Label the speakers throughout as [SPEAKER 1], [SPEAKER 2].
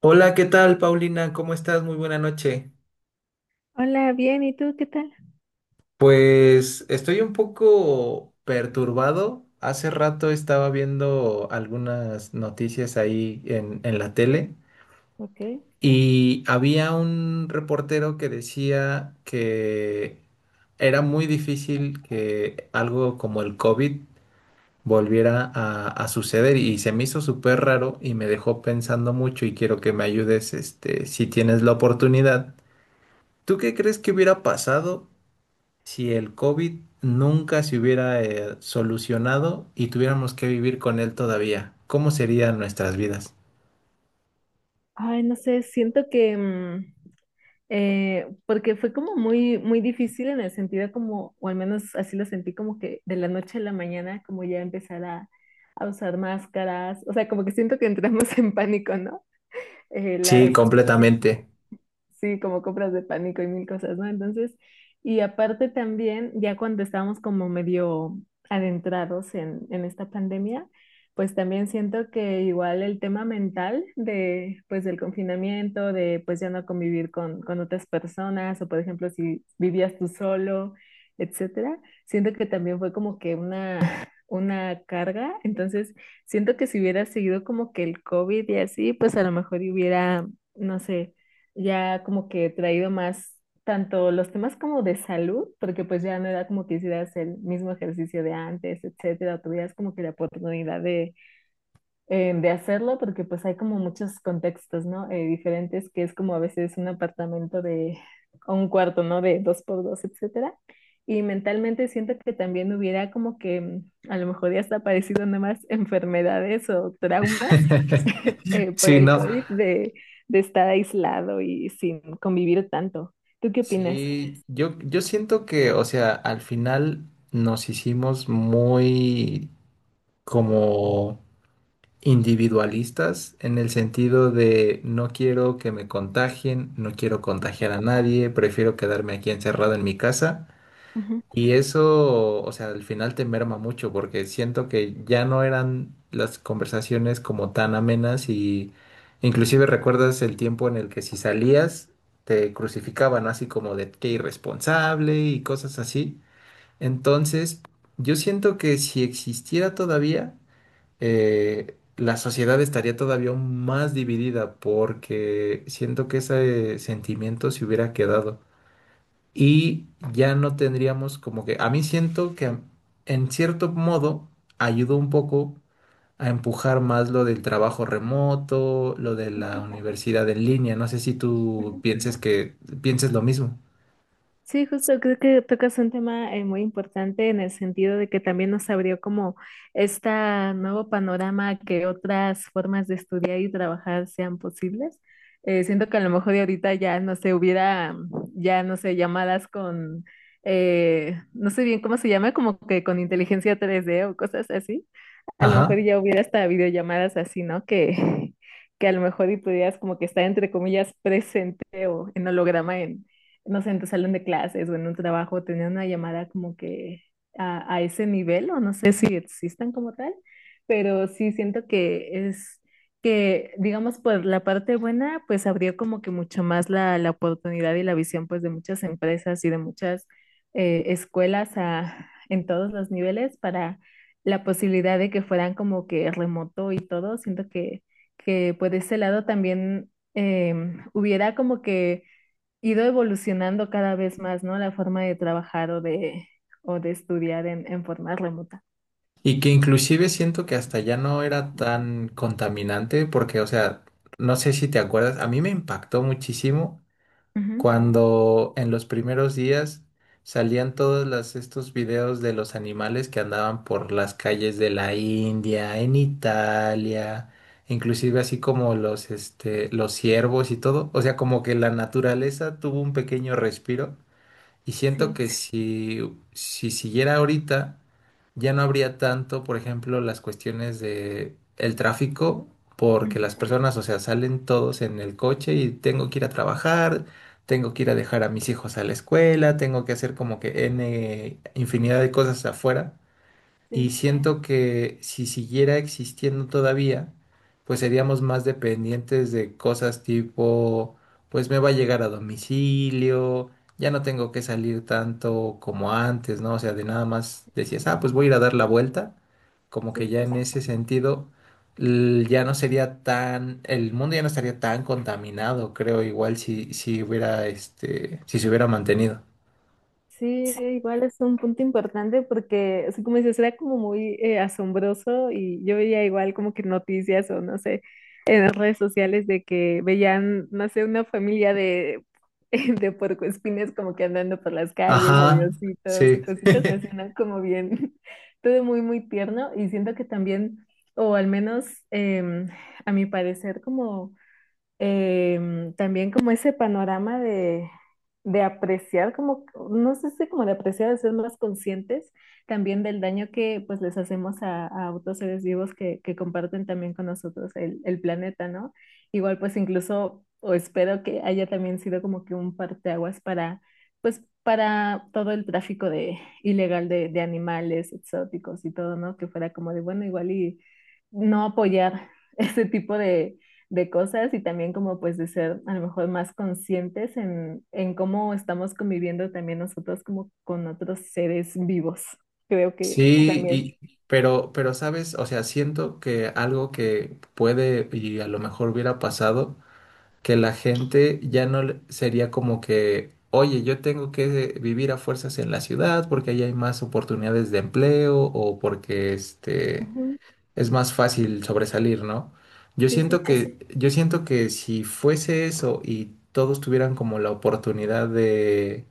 [SPEAKER 1] Hola, ¿qué tal, Paulina? ¿Cómo estás? Muy buena noche.
[SPEAKER 2] Hola, bien, ¿y tú qué tal?
[SPEAKER 1] Pues estoy un poco perturbado. Hace rato estaba viendo algunas noticias ahí en la tele
[SPEAKER 2] Ok.
[SPEAKER 1] y había un reportero que decía que era muy difícil que algo como el COVID volviera a suceder y se me hizo súper raro y me dejó pensando mucho y quiero que me ayudes, este, si tienes la oportunidad. ¿Tú qué crees que hubiera pasado si el COVID nunca se hubiera solucionado y tuviéramos que vivir con él todavía? ¿Cómo serían nuestras vidas?
[SPEAKER 2] Ay, no sé, siento que, porque fue como muy, muy difícil en el sentido como, o al menos así lo sentí, como que de la noche a la mañana, como ya empezar a usar máscaras, o sea, como que siento que entramos en pánico, ¿no? Eh,
[SPEAKER 1] Sí,
[SPEAKER 2] las,
[SPEAKER 1] completamente.
[SPEAKER 2] Sí, como compras de pánico y mil cosas, ¿no? Entonces, y aparte también, ya cuando estábamos como medio adentrados en esta pandemia, pues también siento que igual el tema mental de, pues del confinamiento, de pues ya no convivir con otras personas, o por ejemplo, si vivías tú solo, etcétera, siento que también fue como que una carga. Entonces, siento que si hubiera seguido como que el COVID y así, pues a lo mejor hubiera, no sé, ya como que he traído más tanto los temas como de salud, porque pues ya no era como que hicieras el mismo ejercicio de antes, etcétera, tuvieras como que la oportunidad de hacerlo porque pues hay como muchos contextos, ¿no? Diferentes, que es como a veces un apartamento de o un cuarto, ¿no? De dos por dos, etcétera. Y mentalmente siento que también hubiera como que a lo mejor ya está aparecido nomás enfermedades o traumas por
[SPEAKER 1] Sí,
[SPEAKER 2] el Sí.
[SPEAKER 1] no.
[SPEAKER 2] COVID de estar aislado y sin convivir tanto. ¿Tú qué opinas?
[SPEAKER 1] Sí, yo siento que, o sea, al final nos hicimos muy como individualistas en el sentido de no quiero que me contagien, no quiero contagiar a nadie, prefiero quedarme aquí encerrado en mi casa.
[SPEAKER 2] Ujú.
[SPEAKER 1] Y eso, o sea, al final te merma mucho porque siento que ya no eran las conversaciones como tan amenas, y inclusive recuerdas el tiempo en el que si salías te crucificaban así como de qué irresponsable y cosas así. Entonces, yo siento que si existiera todavía, la sociedad estaría todavía aún más dividida porque siento que ese sentimiento se hubiera quedado y ya no tendríamos como que, a mí siento que en cierto modo ayudó un poco a empujar más lo del trabajo remoto, lo de la
[SPEAKER 2] Ujú,
[SPEAKER 1] universidad en línea, no sé si tú
[SPEAKER 2] ujú.
[SPEAKER 1] pienses que pienses lo mismo.
[SPEAKER 2] Sí, justo creo que tocas un tema muy importante en el sentido de que también nos abrió como este nuevo panorama que otras formas de estudiar y trabajar sean posibles. Siento que a lo mejor de ahorita ya no sé, hubiera ya no sé, llamadas con, no sé bien cómo se llama, como que con inteligencia 3D o cosas así. A lo mejor
[SPEAKER 1] Ajá.
[SPEAKER 2] ya hubiera hasta videollamadas así, ¿no? Que a lo mejor y pudieras como que estar entre comillas presente o en holograma, no sé, en tu salón de clases o en un trabajo, tener una llamada como que a ese nivel, o no sé si existan como tal, pero sí siento que es que, digamos, por la parte buena, pues abrió como que mucho más la oportunidad y la visión, pues, de muchas empresas y de muchas escuelas a, en todos los niveles para la posibilidad de que fueran como que remoto y todo. Siento que por ese lado también hubiera como que ido evolucionando cada vez más, ¿no? La forma de trabajar o de estudiar en forma remota.
[SPEAKER 1] Y que inclusive siento que hasta ya no era tan contaminante porque, o sea, no sé si te acuerdas, a mí me impactó muchísimo
[SPEAKER 2] Ujú.
[SPEAKER 1] cuando en los primeros días salían todos estos videos de los animales que andaban por las calles de la India, en Italia, inclusive así como los, este, los ciervos y todo. O sea, como que la naturaleza tuvo un pequeño respiro y siento
[SPEAKER 2] Sí.
[SPEAKER 1] que si, si siguiera ahorita, ya no habría tanto, por ejemplo, las cuestiones de el tráfico, porque las
[SPEAKER 2] Ujú,
[SPEAKER 1] personas, o sea, salen todos en el coche y tengo que ir a trabajar, tengo que ir a dejar a mis hijos a la escuela, tengo que hacer como
[SPEAKER 2] ujú.
[SPEAKER 1] que N infinidad de cosas afuera. Y
[SPEAKER 2] Sí,
[SPEAKER 1] siento que si siguiera existiendo todavía, pues seríamos más dependientes de cosas tipo, pues me va a llegar a domicilio, ya no tengo que salir tanto como antes, ¿no? O sea, de nada más decías, ah, pues voy a ir a dar la vuelta, como
[SPEAKER 2] sí,
[SPEAKER 1] que
[SPEAKER 2] sí.
[SPEAKER 1] ya en ese sentido ya no sería tan, el mundo ya no estaría tan contaminado, creo, igual si, si hubiera, este, si se hubiera mantenido.
[SPEAKER 2] Sí, igual es un punto importante porque, así como dices, era como muy asombroso y yo veía igual como que noticias o no sé, en las redes sociales de que veían, no sé, una familia de, de puercoespines como que andando por las calles o de
[SPEAKER 1] Ajá,
[SPEAKER 2] ositos o
[SPEAKER 1] sí.
[SPEAKER 2] cositas así, ¿no? Como bien, todo muy, muy tierno y siento que también, o al menos em, a mi parecer, como también como ese panorama de apreciar, como, no sé si como de apreciar, de ser más conscientes también del daño que pues les hacemos a otros seres vivos que comparten también con nosotros el planeta, ¿no? Igual pues incluso, o espero que haya también sido como que un parteaguas para, pues para todo el tráfico de, ilegal de animales exóticos y todo, ¿no? Que fuera como de, bueno, igual y no apoyar ese tipo de cosas y también como pues de ser a lo mejor más conscientes en cómo estamos conviviendo también nosotros como con otros seres vivos. Creo que
[SPEAKER 1] Sí,
[SPEAKER 2] también.
[SPEAKER 1] y, pero sabes, o sea, siento que algo que puede y a lo mejor hubiera pasado, que la gente ya no sería como que, oye, yo tengo que vivir a fuerzas en la ciudad porque ahí hay más oportunidades de empleo o porque este
[SPEAKER 2] Ujú.
[SPEAKER 1] es más fácil sobresalir, ¿no? Yo
[SPEAKER 2] Sí,
[SPEAKER 1] siento,
[SPEAKER 2] sí.
[SPEAKER 1] así, que, yo siento que si fuese eso y todos tuvieran como la oportunidad de,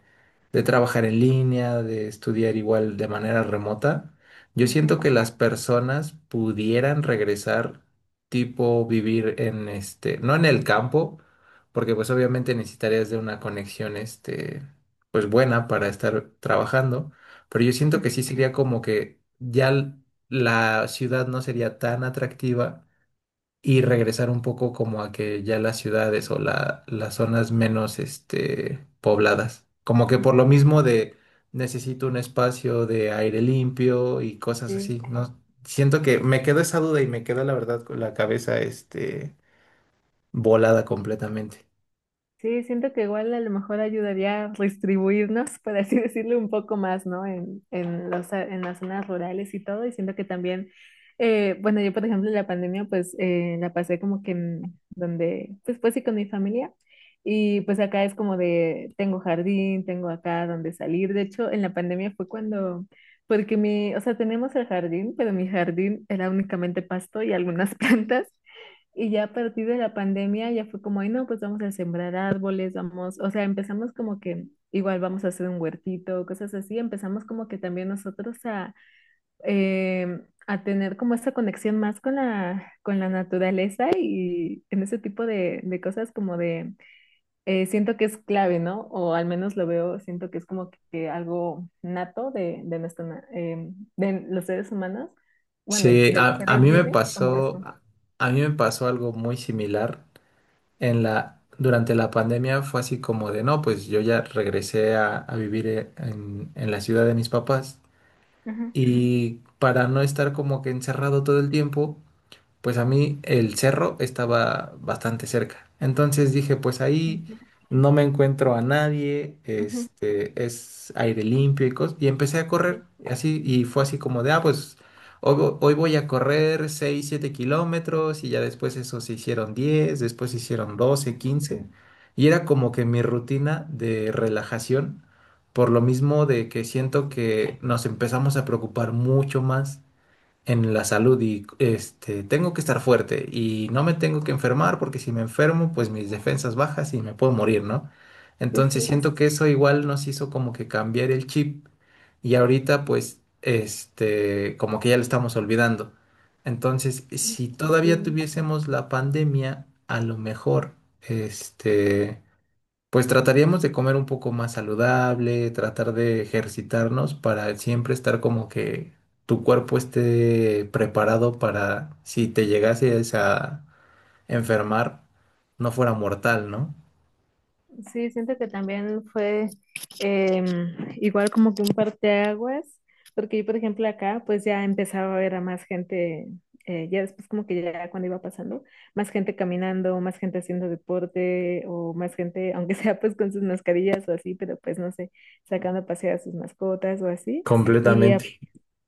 [SPEAKER 1] de trabajar en línea, de estudiar igual de manera remota, yo
[SPEAKER 2] Ujú,
[SPEAKER 1] siento que las personas pudieran regresar, tipo vivir en este, no en el campo, porque pues obviamente necesitarías de una conexión este, pues buena para estar trabajando, pero yo siento que
[SPEAKER 2] ujú,
[SPEAKER 1] sí sería como que ya la ciudad no sería tan atractiva y regresar un poco como a que ya las ciudades o las zonas menos este, pobladas. Como que por lo
[SPEAKER 2] ujú,
[SPEAKER 1] mismo de necesito un espacio de aire limpio y cosas
[SPEAKER 2] sí.
[SPEAKER 1] así, ¿no? Siento que me quedó esa duda y me quedó la verdad con la cabeza este, volada completamente.
[SPEAKER 2] Sí, siento que igual a lo mejor ayudaría a distribuirnos, por así decirlo, un poco más, ¿no? En los, en las zonas rurales y todo. Y siento que también, bueno, yo por ejemplo en la pandemia pues la pasé como que en donde, pues pues sí con mi familia. Y pues acá es como de, tengo jardín, tengo acá donde salir. De hecho, en la pandemia fue cuando, porque mi, o sea, tenemos el jardín, pero mi jardín era únicamente pasto y algunas plantas. Y ya a partir de la pandemia ya fue como, ay, no, pues vamos a sembrar árboles, vamos, o sea, empezamos como que igual vamos a hacer un huertito, cosas así, empezamos como que también nosotros a, a tener como esta conexión más con la naturaleza y en ese tipo de cosas como de, siento que es clave, ¿no? O al menos lo veo, siento que es como que, algo nato de, nuestra na- de los seres humanos, bueno, y
[SPEAKER 1] Sí,
[SPEAKER 2] de los seres vivos, como eso.
[SPEAKER 1] a mí me pasó algo muy similar en durante la pandemia fue así como de, no, pues yo ya regresé a vivir en, la ciudad de mis papás
[SPEAKER 2] Ajá.
[SPEAKER 1] y para no estar como que encerrado todo el tiempo, pues a mí el cerro estaba bastante cerca. Entonces dije, pues ahí
[SPEAKER 2] Ok.
[SPEAKER 1] no me encuentro a nadie,
[SPEAKER 2] Ujú.
[SPEAKER 1] este, es aire limpio y cosas. Y empecé a correr,
[SPEAKER 2] Sí,
[SPEAKER 1] y así, y fue así como de, ah, pues hoy, hoy voy a correr 6 7 kilómetros, y ya después eso se hicieron 10, después se hicieron 12,
[SPEAKER 2] ajá.
[SPEAKER 1] 15. Y era como que mi rutina de relajación, por lo mismo de que siento
[SPEAKER 2] Sí.
[SPEAKER 1] que nos empezamos a preocupar mucho más en la salud y este, tengo que estar fuerte y no me tengo que enfermar porque si me enfermo, pues mis defensas bajas y me puedo morir, ¿no?
[SPEAKER 2] Sí,
[SPEAKER 1] Entonces
[SPEAKER 2] sí.
[SPEAKER 1] siento que eso igual nos hizo como que cambiar el chip y ahorita pues este, como que ya lo estamos olvidando. Entonces, si todavía
[SPEAKER 2] Sí,
[SPEAKER 1] tuviésemos la pandemia, a lo mejor este pues trataríamos de comer un poco más saludable, tratar de ejercitarnos para siempre estar como que tu cuerpo esté preparado para si te llegases a enfermar, no fuera mortal, ¿no?
[SPEAKER 2] sí, siento que también fue em, igual como que un parteaguas, porque yo, por ejemplo, acá pues ya empezaba a ver a más gente, ya después como que ya cuando iba pasando, más gente caminando, más gente haciendo deporte o más gente, aunque sea pues con sus mascarillas o así, pero pues no sé, sacando a pasear a sus mascotas o así. Y
[SPEAKER 1] Completamente.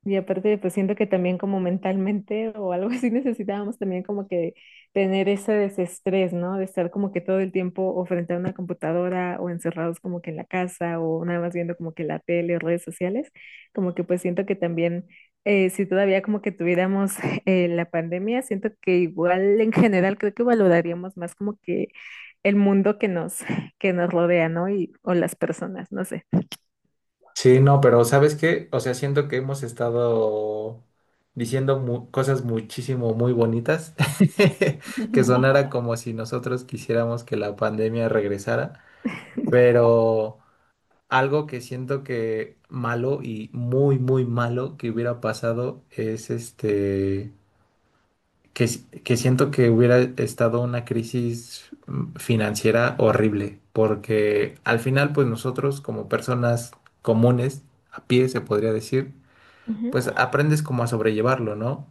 [SPEAKER 2] Y aparte, pues siento que también como mentalmente o algo así necesitábamos también como que tener ese desestrés, ¿no? De estar como que todo el tiempo o frente a una computadora o encerrados como que en la casa o nada más viendo como que la tele o redes sociales, como que pues siento que también si todavía como que tuviéramos la pandemia, siento que igual en general creo que valoraríamos más como que el mundo que nos rodea, ¿no? Y, o las personas, no sé.
[SPEAKER 1] Sí, no, pero ¿sabes qué? O sea, siento que hemos estado diciendo cosas muchísimo muy bonitas, que sonara como si nosotros quisiéramos que la pandemia regresara, pero... Algo que siento que malo y muy, muy malo que hubiera pasado es este, que, que siento que hubiera estado una crisis financiera horrible, porque al final, pues nosotros como personas comunes, a pie se podría decir,
[SPEAKER 2] Ujú.
[SPEAKER 1] pues aprendes como a sobrellevarlo, ¿no?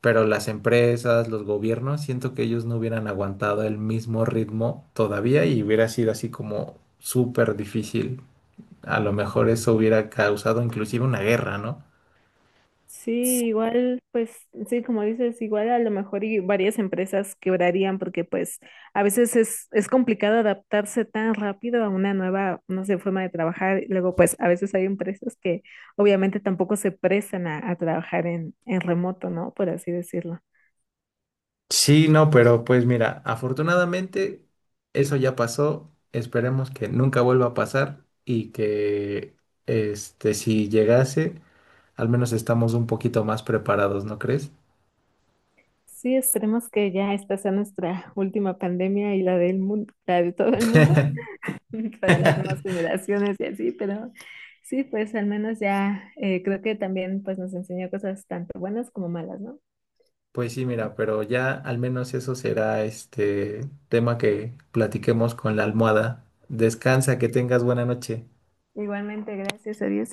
[SPEAKER 1] Pero las empresas, los gobiernos, siento que ellos no hubieran aguantado el mismo ritmo todavía y hubiera sido así como súper difícil, a lo mejor eso hubiera causado inclusive una guerra, ¿no?
[SPEAKER 2] Sí, igual, pues, sí, como dices, igual a lo mejor y varias empresas quebrarían porque pues a veces es complicado adaptarse tan rápido a una nueva, no sé, forma de trabajar. Y luego, pues, a veces hay empresas que obviamente tampoco se prestan a trabajar en remoto, ¿no? Por así decirlo.
[SPEAKER 1] Sí, no, pero pues mira, afortunadamente eso ya pasó. Esperemos que nunca vuelva a pasar y que este si llegase, al menos estamos un poquito más preparados, ¿no crees?
[SPEAKER 2] Sí, esperemos que ya esta sea nuestra última pandemia y la del mundo, la de todo el mundo. Para las nuevas generaciones y así, pero sí, pues al menos ya creo que también pues nos enseñó cosas tanto buenas como malas, ¿no?
[SPEAKER 1] Pues sí, mira, pero ya al menos eso será este tema que platiquemos con la almohada. Descansa, que tengas buena noche.
[SPEAKER 2] Igualmente, gracias a Dios.